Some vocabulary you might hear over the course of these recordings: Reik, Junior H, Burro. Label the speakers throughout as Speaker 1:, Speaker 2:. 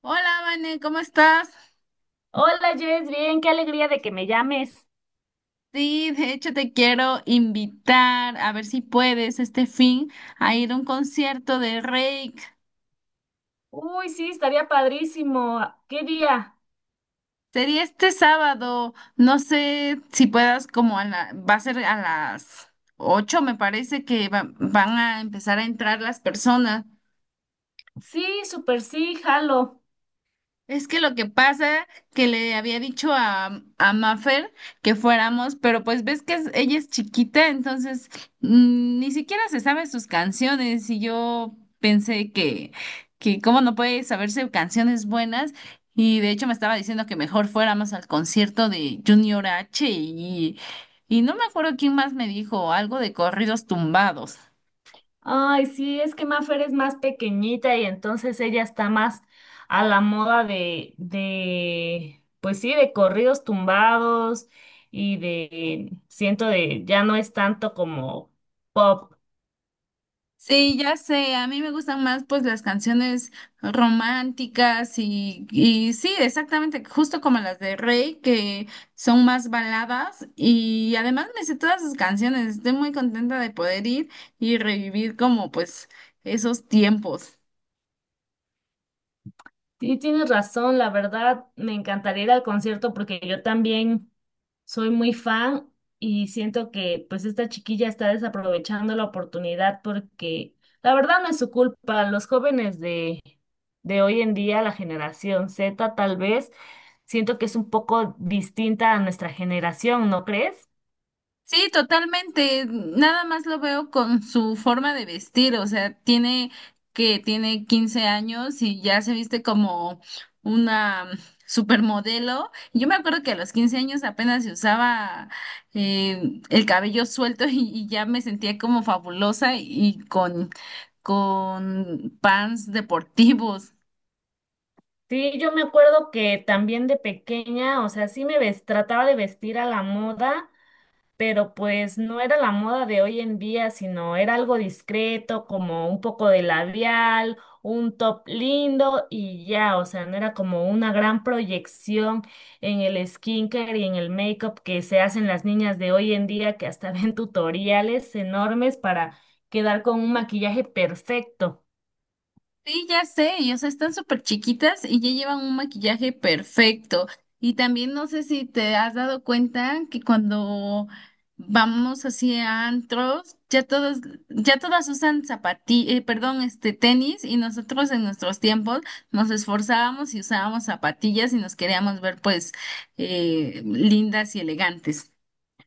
Speaker 1: Hola, Vane, ¿cómo estás?
Speaker 2: Hola Jess, bien, qué alegría de que me llames.
Speaker 1: Sí, de hecho te quiero invitar a ver si puedes este fin a ir a un concierto de Reik.
Speaker 2: Uy, sí, estaría padrísimo. ¿Qué día?
Speaker 1: Sería este sábado, no sé si puedas como a la, va a ser a las 8. Me parece que van a empezar a entrar las personas.
Speaker 2: Sí, súper sí, jalo.
Speaker 1: Es que lo que pasa que le había dicho a Mafer que fuéramos, pero pues ves que ella es chiquita, entonces ni siquiera se sabe sus canciones y yo pensé que cómo no puede saberse canciones buenas. Y de hecho me estaba diciendo que mejor fuéramos al concierto de Junior H y no me acuerdo quién más me dijo algo de corridos tumbados.
Speaker 2: Ay, sí, es que Mafer es más pequeñita y entonces ella está más a la moda pues sí, de corridos tumbados y de, siento de, ya no es tanto como pop.
Speaker 1: Sí, ya sé, a mí me gustan más pues las canciones románticas y sí, exactamente, justo como las de Rey, que son más baladas y además me sé todas sus canciones. Estoy muy contenta de poder ir y revivir como pues esos tiempos.
Speaker 2: Sí, tienes razón, la verdad, me encantaría ir al concierto porque yo también soy muy fan y siento que pues esta chiquilla está desaprovechando la oportunidad porque la verdad no es su culpa, los jóvenes de hoy en día, la generación Z tal vez, siento que es un poco distinta a nuestra generación, ¿no crees?
Speaker 1: Sí, totalmente. Nada más lo veo con su forma de vestir, o sea, tiene 15 años y ya se viste como una supermodelo. Yo me acuerdo que a los 15 años apenas se usaba el cabello suelto y ya me sentía como fabulosa y con pants deportivos.
Speaker 2: Sí, yo me acuerdo que también de pequeña, o sea, sí me ves- trataba de vestir a la moda pero pues no era la moda de hoy en día, sino era algo discreto, como un poco de labial, un top lindo y ya, o sea, no era como una gran proyección en el skincare y en el makeup que se hacen las niñas de hoy en día, que hasta ven tutoriales enormes para quedar con un maquillaje perfecto.
Speaker 1: Sí, ya sé, y o sea, están súper chiquitas y ya llevan un maquillaje perfecto. Y también no sé si te has dado cuenta que cuando vamos así a antros, ya todos, ya todas usan zapatillas, perdón, este tenis, y nosotros en nuestros tiempos nos esforzábamos y usábamos zapatillas y nos queríamos ver pues lindas y elegantes.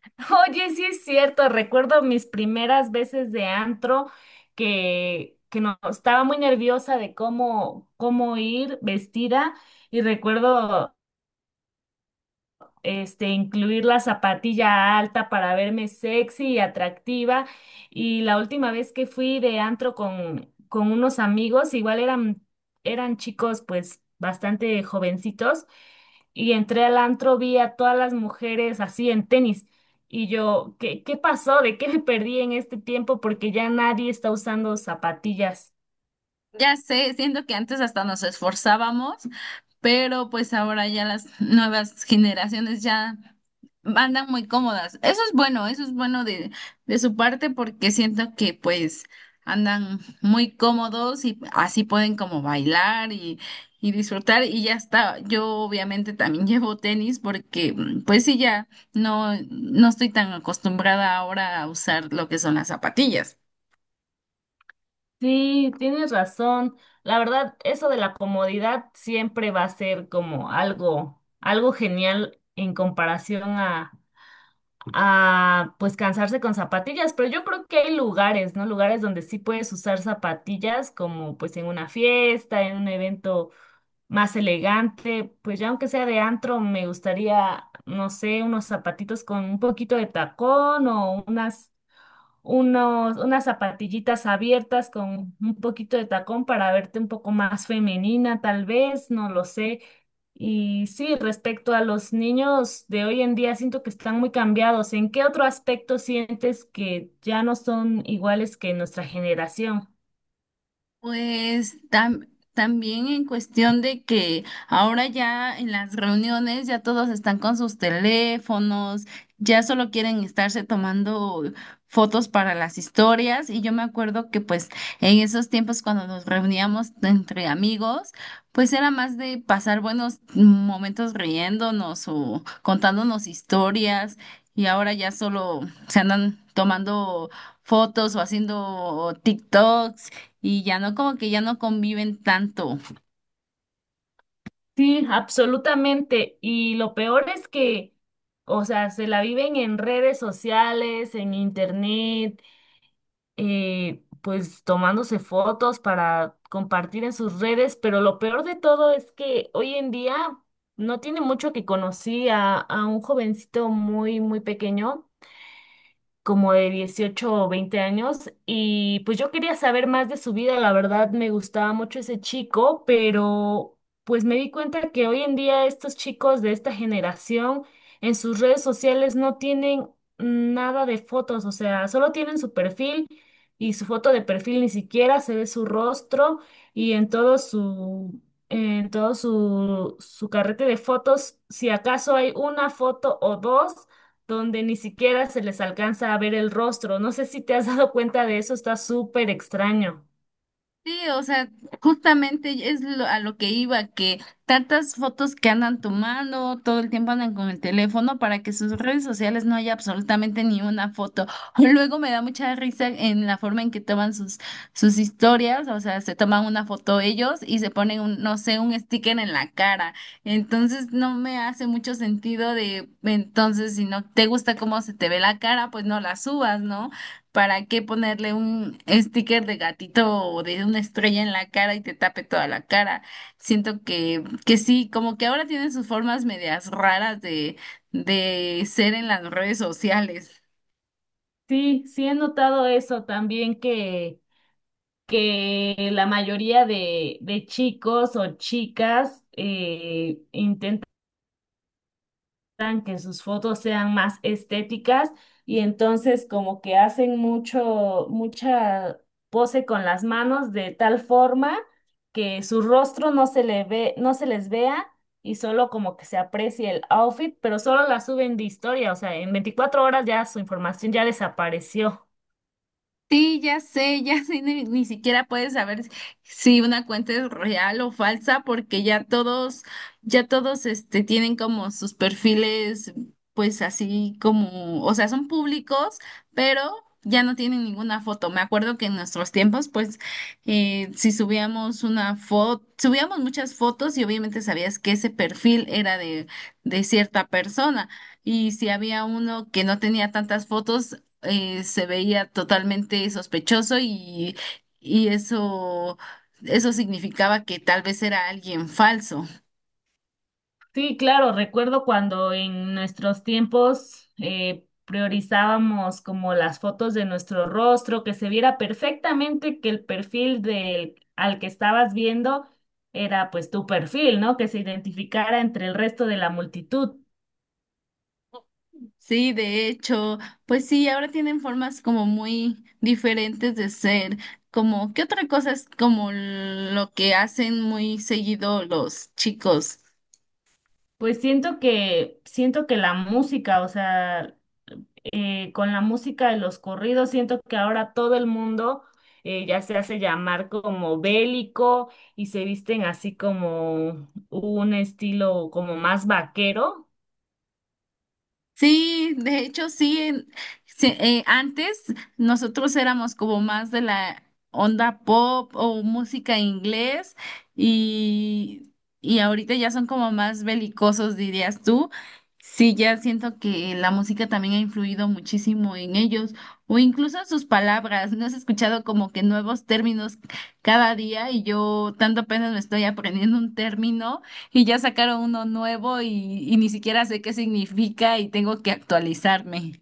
Speaker 2: Oye, sí es cierto, recuerdo mis primeras veces de antro que no, estaba muy nerviosa de cómo ir vestida y recuerdo este, incluir la zapatilla alta para verme sexy y atractiva. Y la última vez que fui de antro con unos amigos, igual eran chicos pues bastante jovencitos, y entré al antro, vi a todas las mujeres así en tenis. Y yo, ¿ qué pasó? ¿De qué me perdí en este tiempo? Porque ya nadie está usando zapatillas.
Speaker 1: Ya sé, siento que antes hasta nos esforzábamos, pero pues ahora ya las nuevas generaciones ya andan muy cómodas. Eso es bueno de su parte porque siento que pues andan muy cómodos y así pueden como bailar y disfrutar y ya está. Yo obviamente también llevo tenis porque pues sí, ya no estoy tan acostumbrada ahora a usar lo que son las zapatillas.
Speaker 2: Sí, tienes razón. La verdad, eso de la comodidad siempre va a ser como algo, algo genial en comparación pues cansarse con zapatillas. Pero yo creo que hay lugares, ¿no? Lugares donde sí puedes usar zapatillas, como pues en una fiesta, en un evento más elegante. Pues ya aunque sea de antro, me gustaría, no sé, unos zapatitos con un poquito de tacón o unas unos, unas zapatillitas abiertas con un poquito de tacón para verte un poco más femenina, tal vez, no lo sé. Y sí, respecto a los niños de hoy en día, siento que están muy cambiados. ¿En qué otro aspecto sientes que ya no son iguales que nuestra generación?
Speaker 1: Pues también en cuestión de que ahora ya en las reuniones ya todos están con sus teléfonos, ya solo quieren estarse tomando fotos para las historias. Y yo me acuerdo que pues en esos tiempos cuando nos reuníamos entre amigos, pues era más de pasar buenos momentos riéndonos o contándonos historias, y ahora ya solo se andan tomando fotos o haciendo TikToks y ya no, como que ya no conviven tanto.
Speaker 2: Sí, absolutamente. Y lo peor es que, o sea, se la viven en redes sociales, en internet, pues tomándose fotos para compartir en sus redes, pero lo peor de todo es que hoy en día no tiene mucho que conocí a un jovencito muy, muy pequeño como de 18 o 20 años y pues yo quería saber más de su vida, la verdad me gustaba mucho ese chico, pero pues me di cuenta que hoy en día estos chicos de esta generación en sus redes sociales no tienen nada de fotos, o sea, solo tienen su perfil y su foto de perfil ni siquiera se ve su rostro y en todo su, su carrete de fotos, si acaso hay una foto o dos donde ni siquiera se les alcanza a ver el rostro. No sé si te has dado cuenta de eso, está súper extraño.
Speaker 1: Sí, o sea, justamente es a lo que iba, que tantas fotos que andan tomando, todo el tiempo andan con el teléfono, para que sus redes sociales no haya absolutamente ni una foto. Luego me da mucha risa en la forma en que toman sus, sus historias, o sea, se toman una foto ellos y se ponen un, no sé, un sticker en la cara. Entonces no me hace mucho sentido de, entonces, si no te gusta cómo se te ve la cara, pues no la subas, ¿no? ¿Para qué ponerle un sticker de gatito o de una estrella en la cara y te tape toda la cara? Siento que sí, como que ahora tienen sus formas medias raras de ser en las redes sociales.
Speaker 2: Sí, sí he notado eso también que la mayoría de chicos o chicas logran que sus fotos sean más estéticas y entonces como que hacen mucho, mucha pose con las manos de tal forma que su rostro no se le ve, no se les vea y solo como que se aprecie el outfit, pero solo la suben de historia, o sea, en 24 horas ya su información ya desapareció.
Speaker 1: Sí, ya sé, ya sé, ni, ni siquiera puedes saber si una cuenta es real o falsa, porque ya todos, este, tienen como sus perfiles, pues así como, o sea, son públicos, pero ya no tienen ninguna foto. Me acuerdo que en nuestros tiempos, pues, si subíamos una foto, subíamos muchas fotos y obviamente sabías que ese perfil era de cierta persona. Y si había uno que no tenía tantas fotos, se veía totalmente sospechoso y eso significaba que tal vez era alguien falso.
Speaker 2: Sí, claro, recuerdo cuando en nuestros tiempos priorizábamos como las fotos de nuestro rostro, que se viera perfectamente que el perfil del al que estabas viendo era pues tu perfil, ¿no? Que se identificara entre el resto de la multitud.
Speaker 1: Sí, de hecho, pues sí, ahora tienen formas como muy diferentes de ser, como qué otra cosa es como lo que hacen muy seguido los chicos.
Speaker 2: Pues siento que la música, o sea, con la música de los corridos, siento que ahora todo el mundo ya se hace llamar como bélico y se visten así como un estilo como más vaquero.
Speaker 1: Sí, de hecho sí, sí, antes nosotros éramos como más de la onda pop o música inglés y, y ahorita ya son como más belicosos, dirías tú. Sí, ya siento que la música también ha influido muchísimo en ellos o incluso en sus palabras. No has escuchado como que nuevos términos cada día, y yo tanto apenas me estoy aprendiendo un término. Y ya sacaron uno nuevo y ni siquiera sé qué significa y tengo que actualizarme.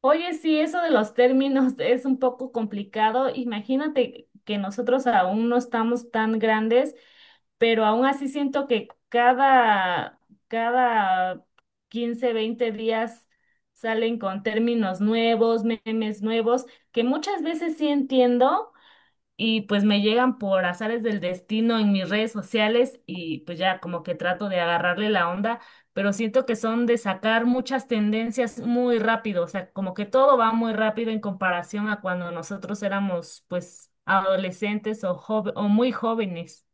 Speaker 2: Oye, sí, eso de los términos es un poco complicado. Imagínate que nosotros aún no estamos tan grandes, pero aún así siento que cada 15, 20 días salen con términos nuevos, memes nuevos, que muchas veces sí entiendo, y pues me llegan por azares del destino en mis redes sociales y pues ya como que trato de agarrarle la onda, pero siento que son de sacar muchas tendencias muy rápido, o sea, como que todo va muy rápido en comparación a cuando nosotros éramos pues adolescentes o, jove- o muy jóvenes.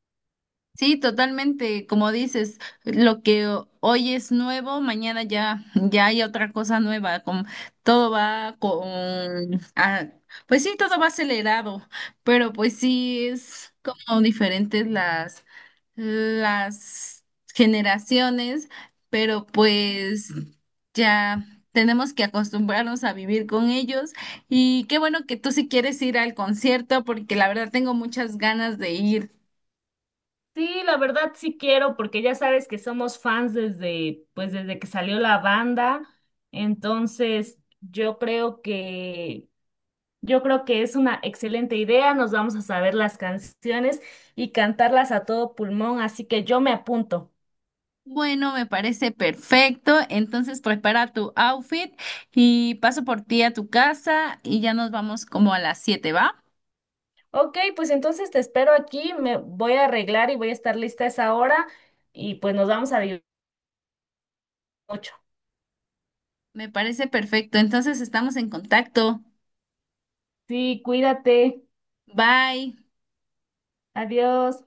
Speaker 1: Sí, totalmente, como dices, lo que hoy es nuevo, mañana ya, ya hay otra cosa nueva, con, todo va con, ah, pues sí, todo va acelerado, pero pues sí es como diferentes las generaciones, pero pues ya tenemos que acostumbrarnos a vivir con ellos. Y qué bueno que tú sí quieres ir al concierto, porque la verdad tengo muchas ganas de ir.
Speaker 2: Sí, la verdad sí quiero, porque ya sabes que somos fans desde, pues desde que salió la banda, entonces Yo creo que es una excelente idea, nos vamos a saber las canciones y cantarlas a todo pulmón, así que yo me apunto.
Speaker 1: Bueno, me parece perfecto. Entonces prepara tu outfit y paso por ti a tu casa y ya nos vamos como a las 7, ¿va?
Speaker 2: Ok, pues entonces te espero aquí, me voy a arreglar y voy a estar lista a esa hora y pues nos vamos a divertir mucho.
Speaker 1: Me parece perfecto. Entonces estamos en contacto.
Speaker 2: Sí, cuídate,
Speaker 1: Bye.
Speaker 2: adiós.